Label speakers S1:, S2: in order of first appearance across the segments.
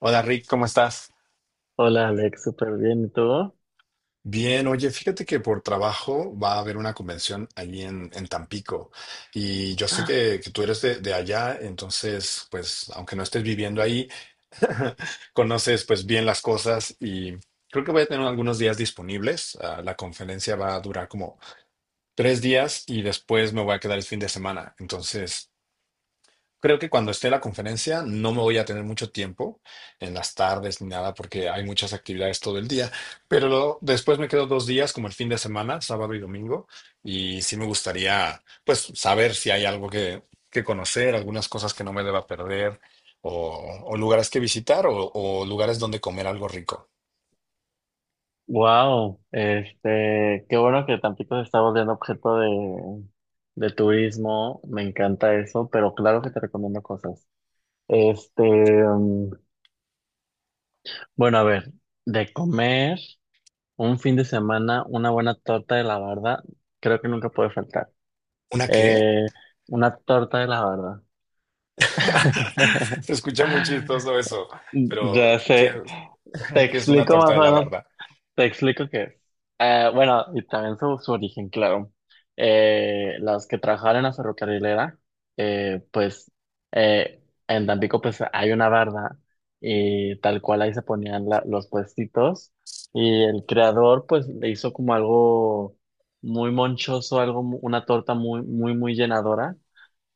S1: Hola Rick, ¿cómo estás?
S2: Hola Alex, súper bien. ¿Y tú?
S1: Bien, oye, fíjate que por trabajo va a haber una convención allí en Tampico y yo sé que tú eres de allá, entonces, pues, aunque no estés viviendo ahí, conoces pues bien las cosas y creo que voy a tener algunos días disponibles. Ah, la conferencia va a durar como 3 días y después me voy a quedar el fin de semana, entonces. Creo que cuando esté la conferencia no me voy a tener mucho tiempo en las tardes ni nada porque hay muchas actividades todo el día, pero después me quedo 2 días como el fin de semana, sábado y domingo, y sí me gustaría pues saber si hay algo que conocer, algunas cosas que no me deba perder o lugares que visitar o lugares donde comer algo rico.
S2: Wow, qué bueno que Tampico se está volviendo objeto de turismo. Me encanta eso, pero claro que te recomiendo cosas. Este, mm, bueno, a ver, de comer un fin de semana, una buena torta de la barda, creo que nunca puede faltar.
S1: ¿Una qué?
S2: Eh, una torta de la barda.
S1: Se escucha muy chistoso eso, pero
S2: Ya sé. Te
S1: ¿qué es una
S2: explico
S1: torta
S2: más
S1: de
S2: o
S1: la
S2: menos.
S1: barda?
S2: Te explico qué es. Bueno, y también su origen, claro. Las que trabajaban en la ferrocarrilera, eh, pues eh, en Tampico pues hay una barda y tal cual ahí se ponían los puestitos y el creador pues le hizo como algo muy monchoso, una torta muy, muy, muy llenadora,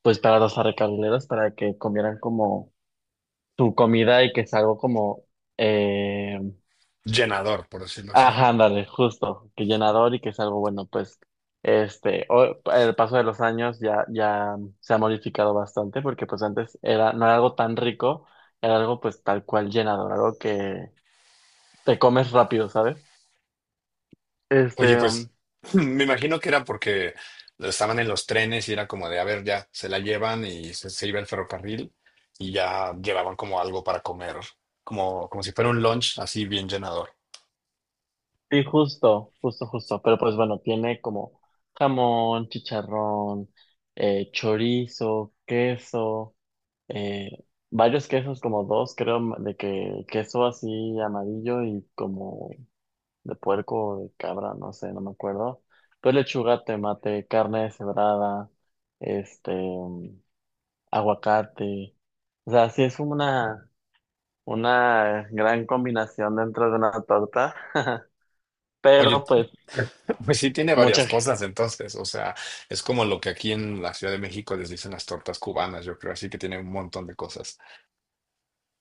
S2: pues para los ferrocarrileros, para que comieran como su comida y que es algo como... eh,
S1: Llenador, por decirlo así.
S2: Ajá, ándale, justo, que llenador y que es algo bueno, pues, el paso de los años ya se ha modificado bastante, porque pues antes era, no era algo tan rico, era algo pues tal cual llenador, algo que te comes rápido, ¿sabes?
S1: Oye,
S2: Este, um,
S1: pues me imagino que era porque estaban en los trenes y era como de, a ver, ya se la llevan y se iba el ferrocarril y ya llevaban como algo para comer, como si fuera un lunch así bien llenador.
S2: sí, justo, justo, justo, pero pues bueno, tiene como jamón, chicharrón, chorizo, queso, eh, varios quesos, como dos, creo, de que queso así amarillo y como de puerco o de cabra, no sé, no me acuerdo. Pues lechuga, tomate, carne deshebrada, este, mm, aguacate. O sea, una gran combinación dentro de una torta,
S1: Oye,
S2: pero pues
S1: pues sí tiene varias
S2: muchas,
S1: cosas entonces, o sea, es como lo que aquí en la Ciudad de México les dicen las tortas cubanas, yo creo, así que tiene un montón de cosas.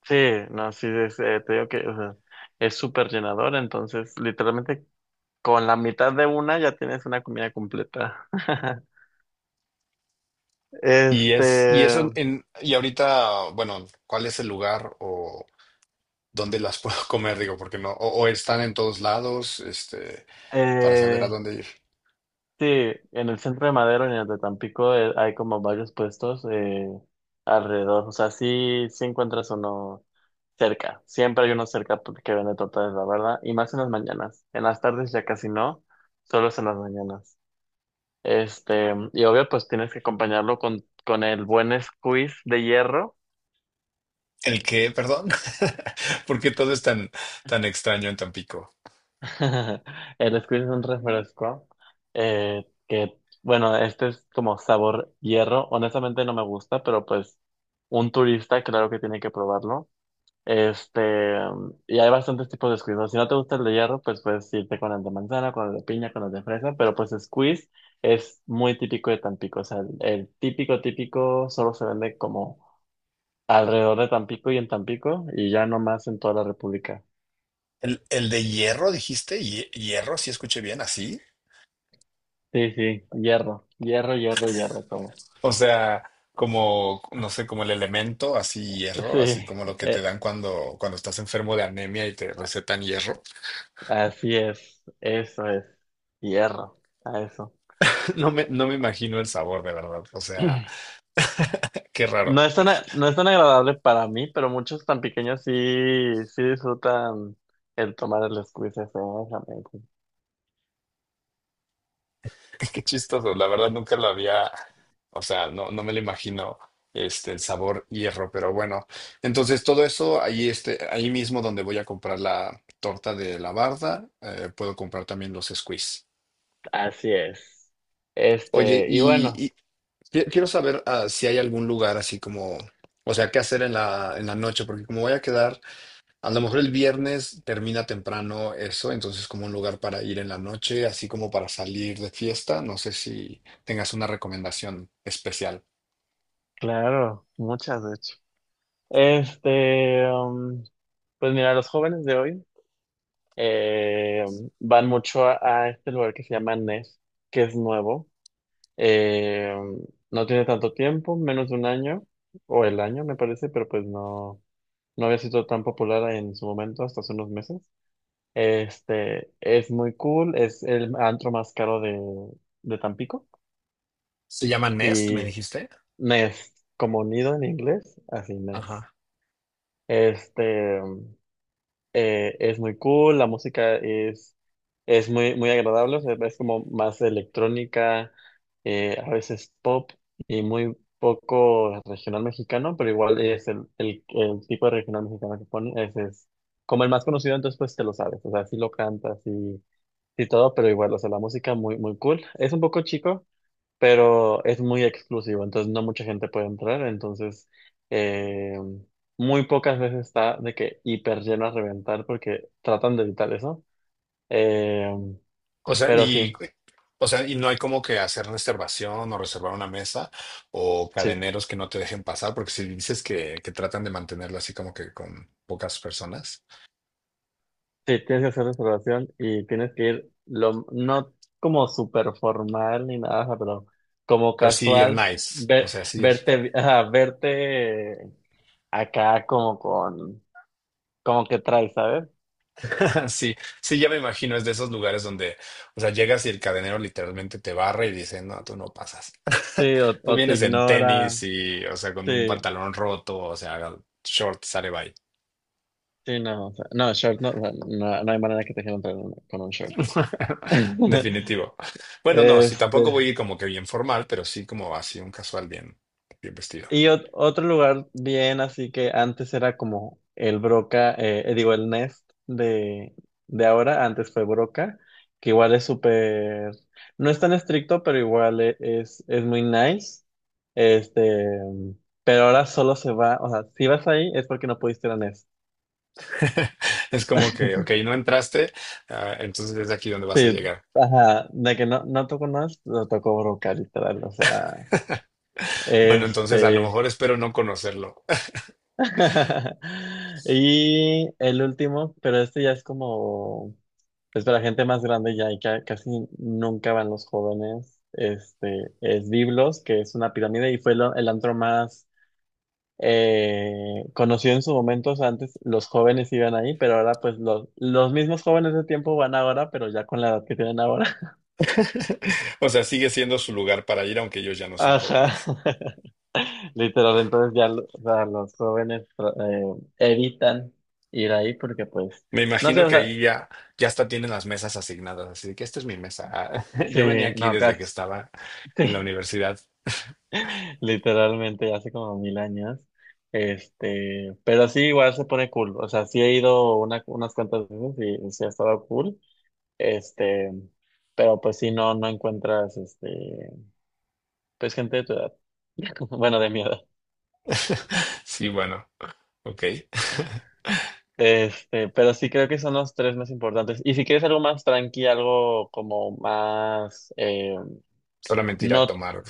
S2: sí, no, sí, te digo que, o sea, es súper llenador, entonces literalmente con la mitad de una ya tienes una comida completa.
S1: Y
S2: Este,
S1: es, y eso en, y ahorita, bueno, ¿cuál es el lugar o dónde las puedo comer? Digo, porque no, o están en todos lados, este. Para saber a
S2: eh,
S1: dónde ir.
S2: Sí, en el centro de Madero y en el de Tampico hay como varios puestos alrededor. O sea, sí, sí encuentras uno cerca. Siempre hay uno cerca que vende tortas, la verdad. Y más en las mañanas. En las tardes ya casi no, solo es en las mañanas. Este, y obvio, pues tienes que acompañarlo con el buen squeeze de hierro.
S1: ¿El qué? Perdón. ¿Porque todo es tan, tan extraño en Tampico?
S2: El squeeze es un refresco eh, que, bueno, este es como sabor hierro. Honestamente no me gusta, pero pues un turista claro que tiene que probarlo. Este, y hay bastantes tipos de squeeze, ¿no? Si no te gusta el de hierro, pues puedes irte con el de manzana, con el de piña, con el de fresa, pero pues squeeze es muy típico de Tampico. O sea, el típico, típico solo se vende como alrededor de Tampico y en Tampico y ya no más en toda la República.
S1: ¿El de hierro, dijiste? ¿Hierro? Si escuché bien, así.
S2: Sí, sí, hierro, hierro, hierro, hierro, como.
S1: O sea, como, no sé, como el elemento, así
S2: Sí,
S1: hierro, así como lo que te
S2: eh,
S1: dan cuando, cuando estás enfermo de anemia y te recetan hierro.
S2: así es, eso es, hierro, a eso.
S1: No me imagino el sabor, de verdad. O sea, qué raro.
S2: No es tan agradable para mí, pero muchos tan pequeños sí, sí disfrutan el tomar el squeeze ese, exactamente.
S1: Qué chistoso, la verdad nunca lo había, o sea, no, no me lo imagino este, el sabor hierro, pero bueno, entonces todo eso ahí, este, ahí mismo donde voy a comprar la torta de la barda, puedo comprar también los squeeze.
S2: Así es.
S1: Oye,
S2: Este, y bueno,
S1: quiero saber ah, si hay algún lugar así como, o sea, qué hacer en la noche, porque como voy a quedar a lo mejor el viernes termina temprano eso, entonces como un lugar para ir en la noche, así como para salir de fiesta. No sé si tengas una recomendación especial.
S2: claro, muchas de hecho. Este, um, pues mira, los jóvenes de hoy eh, van mucho a este lugar que se llama NES, que es nuevo. Eh, no tiene tanto tiempo, menos de un año, o el año me parece, pero pues no, no había sido tan popular en su momento hasta hace unos meses. Este, es muy cool, es el antro más caro de Tampico
S1: Se llama Nest, me
S2: y
S1: dijiste.
S2: Nest, como nido en inglés, así Nest.
S1: Ajá.
S2: Este, es muy cool, es muy, muy agradable, o sea, es como más electrónica, a veces pop y muy poco regional mexicano, pero igual es el tipo de regional mexicano que ponen, es como el más conocido, entonces pues te lo sabes, o sea, sí lo cantas y todo, pero igual, o sea, la música muy, muy cool. Es un poco chico, pero es muy exclusivo, entonces no mucha gente puede entrar, entonces eh, muy pocas veces está de que hiper lleno a reventar porque tratan de evitar eso. Eh,
S1: O sea,
S2: pero
S1: y,
S2: sí,
S1: o sea, y no hay como que hacer reservación o reservar una mesa o
S2: sí,
S1: cadeneros que no te dejen pasar, porque si dices que tratan de mantenerlo así como que con pocas personas,
S2: sí, tienes que hacer reservación y tienes que ir, lo, no como súper formal ni nada, ajá, pero como
S1: pero sí ir
S2: casual,
S1: nice, o
S2: ver-
S1: sea, sí ir.
S2: ajá, verte acá como con, como que traes, ¿sabes?
S1: Sí, sí, ya me imagino, es de esos lugares donde, o sea, llegas y el cadenero literalmente te barre y dice, no, tú no pasas.
S2: Sí,
S1: Tú
S2: o te
S1: vienes en
S2: ignora,
S1: tenis y, o sea, con un
S2: sí.
S1: pantalón roto, o sea, short, sale bye.
S2: Sí, no, o sea, no, short, no, o sea, no, no hay manera que te quieran con un short.
S1: Definitivo. Bueno, no, sí, tampoco voy
S2: Este,
S1: a ir como que bien formal, pero sí como así un casual bien, bien vestido.
S2: y otro lugar bien, así que antes era como el Broca, digo, el Nest de ahora, antes fue Broca, que igual es súper, no es tan estricto, pero igual es muy nice. Este, pero ahora solo se va, o sea, si vas ahí es porque no pudiste ir a Nest.
S1: Es como que, ok, no entraste, ah, entonces es aquí donde vas a
S2: Sí,
S1: llegar.
S2: ajá, de que no, no tocó Nest, lo tocó Broca, literal, o sea.
S1: Bueno, entonces a lo
S2: Este.
S1: mejor espero no conocerlo.
S2: Y el último, pero este ya es como, pues para gente más grande ya y casi nunca van los jóvenes. Este es Biblos, que es una pirámide y fue el antro más conocido en su momento. O sea, antes los jóvenes iban ahí, pero ahora pues los mismos jóvenes de tiempo van ahora, pero ya con la edad que tienen ahora.
S1: O sea, sigue siendo su lugar para ir, aunque ellos ya no son
S2: Ajá.
S1: jóvenes.
S2: Literal, entonces ya o sea, los jóvenes evitan ir ahí porque pues,
S1: Me
S2: no sé,
S1: imagino
S2: o
S1: que
S2: sea,
S1: ahí ya, ya hasta tienen las mesas asignadas, así de que esta es mi mesa. Ah, yo venía
S2: sí,
S1: aquí
S2: no,
S1: desde que
S2: casi,
S1: estaba en la
S2: sí,
S1: universidad.
S2: literalmente hace como mil años, este, pero sí, igual se pone cool, o sea, sí he ido una, unas cuantas veces y sí ha estado cool, este, pero pues sí, no, no encuentras, este, pues gente de tu edad, bueno, de mi edad.
S1: Sí, bueno, ok.
S2: Este, pero sí creo que son los tres más importantes. Y si quieres algo más tranqui, algo como más,
S1: Solamente ir a
S2: no,
S1: tomar.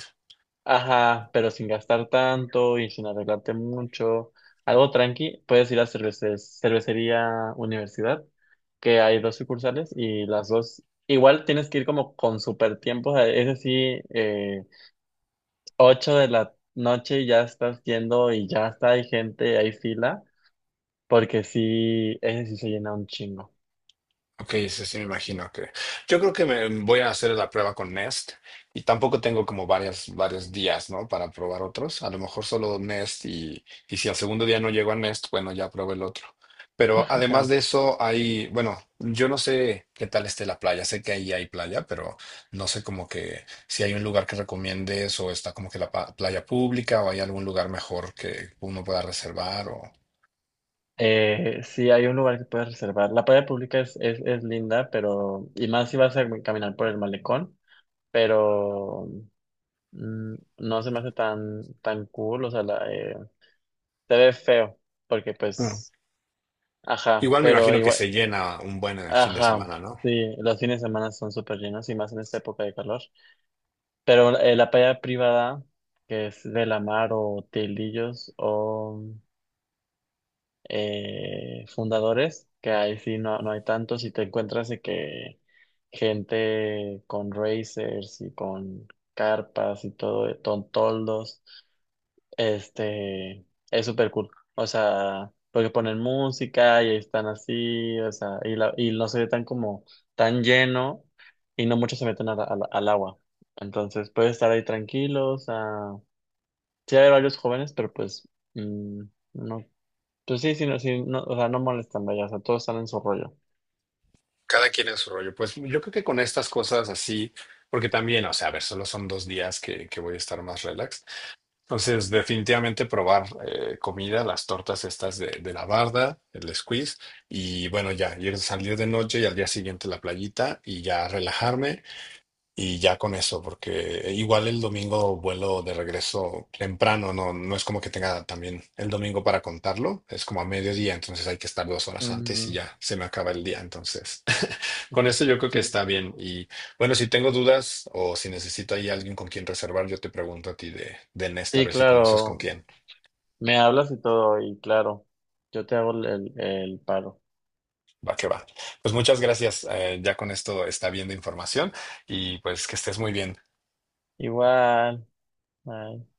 S2: ajá, pero sin gastar tanto y sin arreglarte mucho. Algo tranqui, puedes ir a cervecería universidad, que hay dos sucursales y las dos. Igual tienes que ir como con super tiempos. Es decir, 8 de la noche y ya estás yendo y ya está, hay gente, hay fila, porque sí, ese sí se llena un chingo.
S1: Ok, sí, sí, me imagino que. Yo creo que me voy a hacer la prueba con Nest y tampoco tengo como varias, varios días, ¿no? Para probar otros. A lo mejor solo Nest y si al segundo día no llego a Nest, bueno, ya pruebo el otro. Pero además de eso, hay, bueno, yo no sé qué tal esté la playa. Sé que ahí hay playa, pero no sé como que si hay un lugar que recomiendes o está como que la playa pública o hay algún lugar mejor que uno pueda reservar o.
S2: Sí, hay un lugar que puedes reservar. La playa pública es linda, pero, y más si vas a caminar por el malecón. Pero mm, no se me hace tan, tan cool, o sea, se ve feo, porque
S1: Claro.
S2: pues, ajá,
S1: Igual me
S2: pero
S1: imagino que
S2: igual,
S1: se llena un buen el fin de
S2: ajá,
S1: semana, ¿no?
S2: sí, los fines de semana son súper llenos y más en esta época de calor, pero la playa privada, que es de la mar o Tildillos o Fundadores, que ahí sí no, no hay tantos y te encuentras de que gente con racers y con carpas y todo, con toldos. Este, es súper cool. O sea, porque ponen música y están así, o sea, y no se ve tan como tan lleno y no muchos se meten al agua. Entonces puedes estar ahí tranquilos. O sea, sí hay varios jóvenes, pero pues mm, no, pues sí, sí, no, sí, no, o sea, no molestan, vaya, o sea, todos están en su rollo.
S1: Cada quien en su rollo. Pues yo creo que con estas cosas así, porque también, o sea, a ver, solo son 2 días que voy a estar más relax. Entonces, definitivamente probar comida, las tortas estas de la barda, el squeeze, y bueno, ya, ir a salir de noche y al día siguiente la playita y ya relajarme y ya con eso, porque igual el domingo vuelo de regreso temprano, no, no es como que tenga también el domingo para contarlo, es como a mediodía, entonces hay que estar 2 horas antes y
S2: Ujú.
S1: ya se me acaba el día, entonces. Con eso yo creo que
S2: Sí,
S1: está bien. Y bueno, si tengo dudas o si necesito ahí alguien con quien reservar, yo te pregunto a ti de Nesta, a
S2: sí,
S1: ver si conoces con
S2: claro,
S1: quién.
S2: me hablas y todo, y claro, yo te hago el paro.
S1: Va que va. Pues muchas gracias. Ya con esto está bien de información y pues que estés muy bien.
S2: Igual. Bye.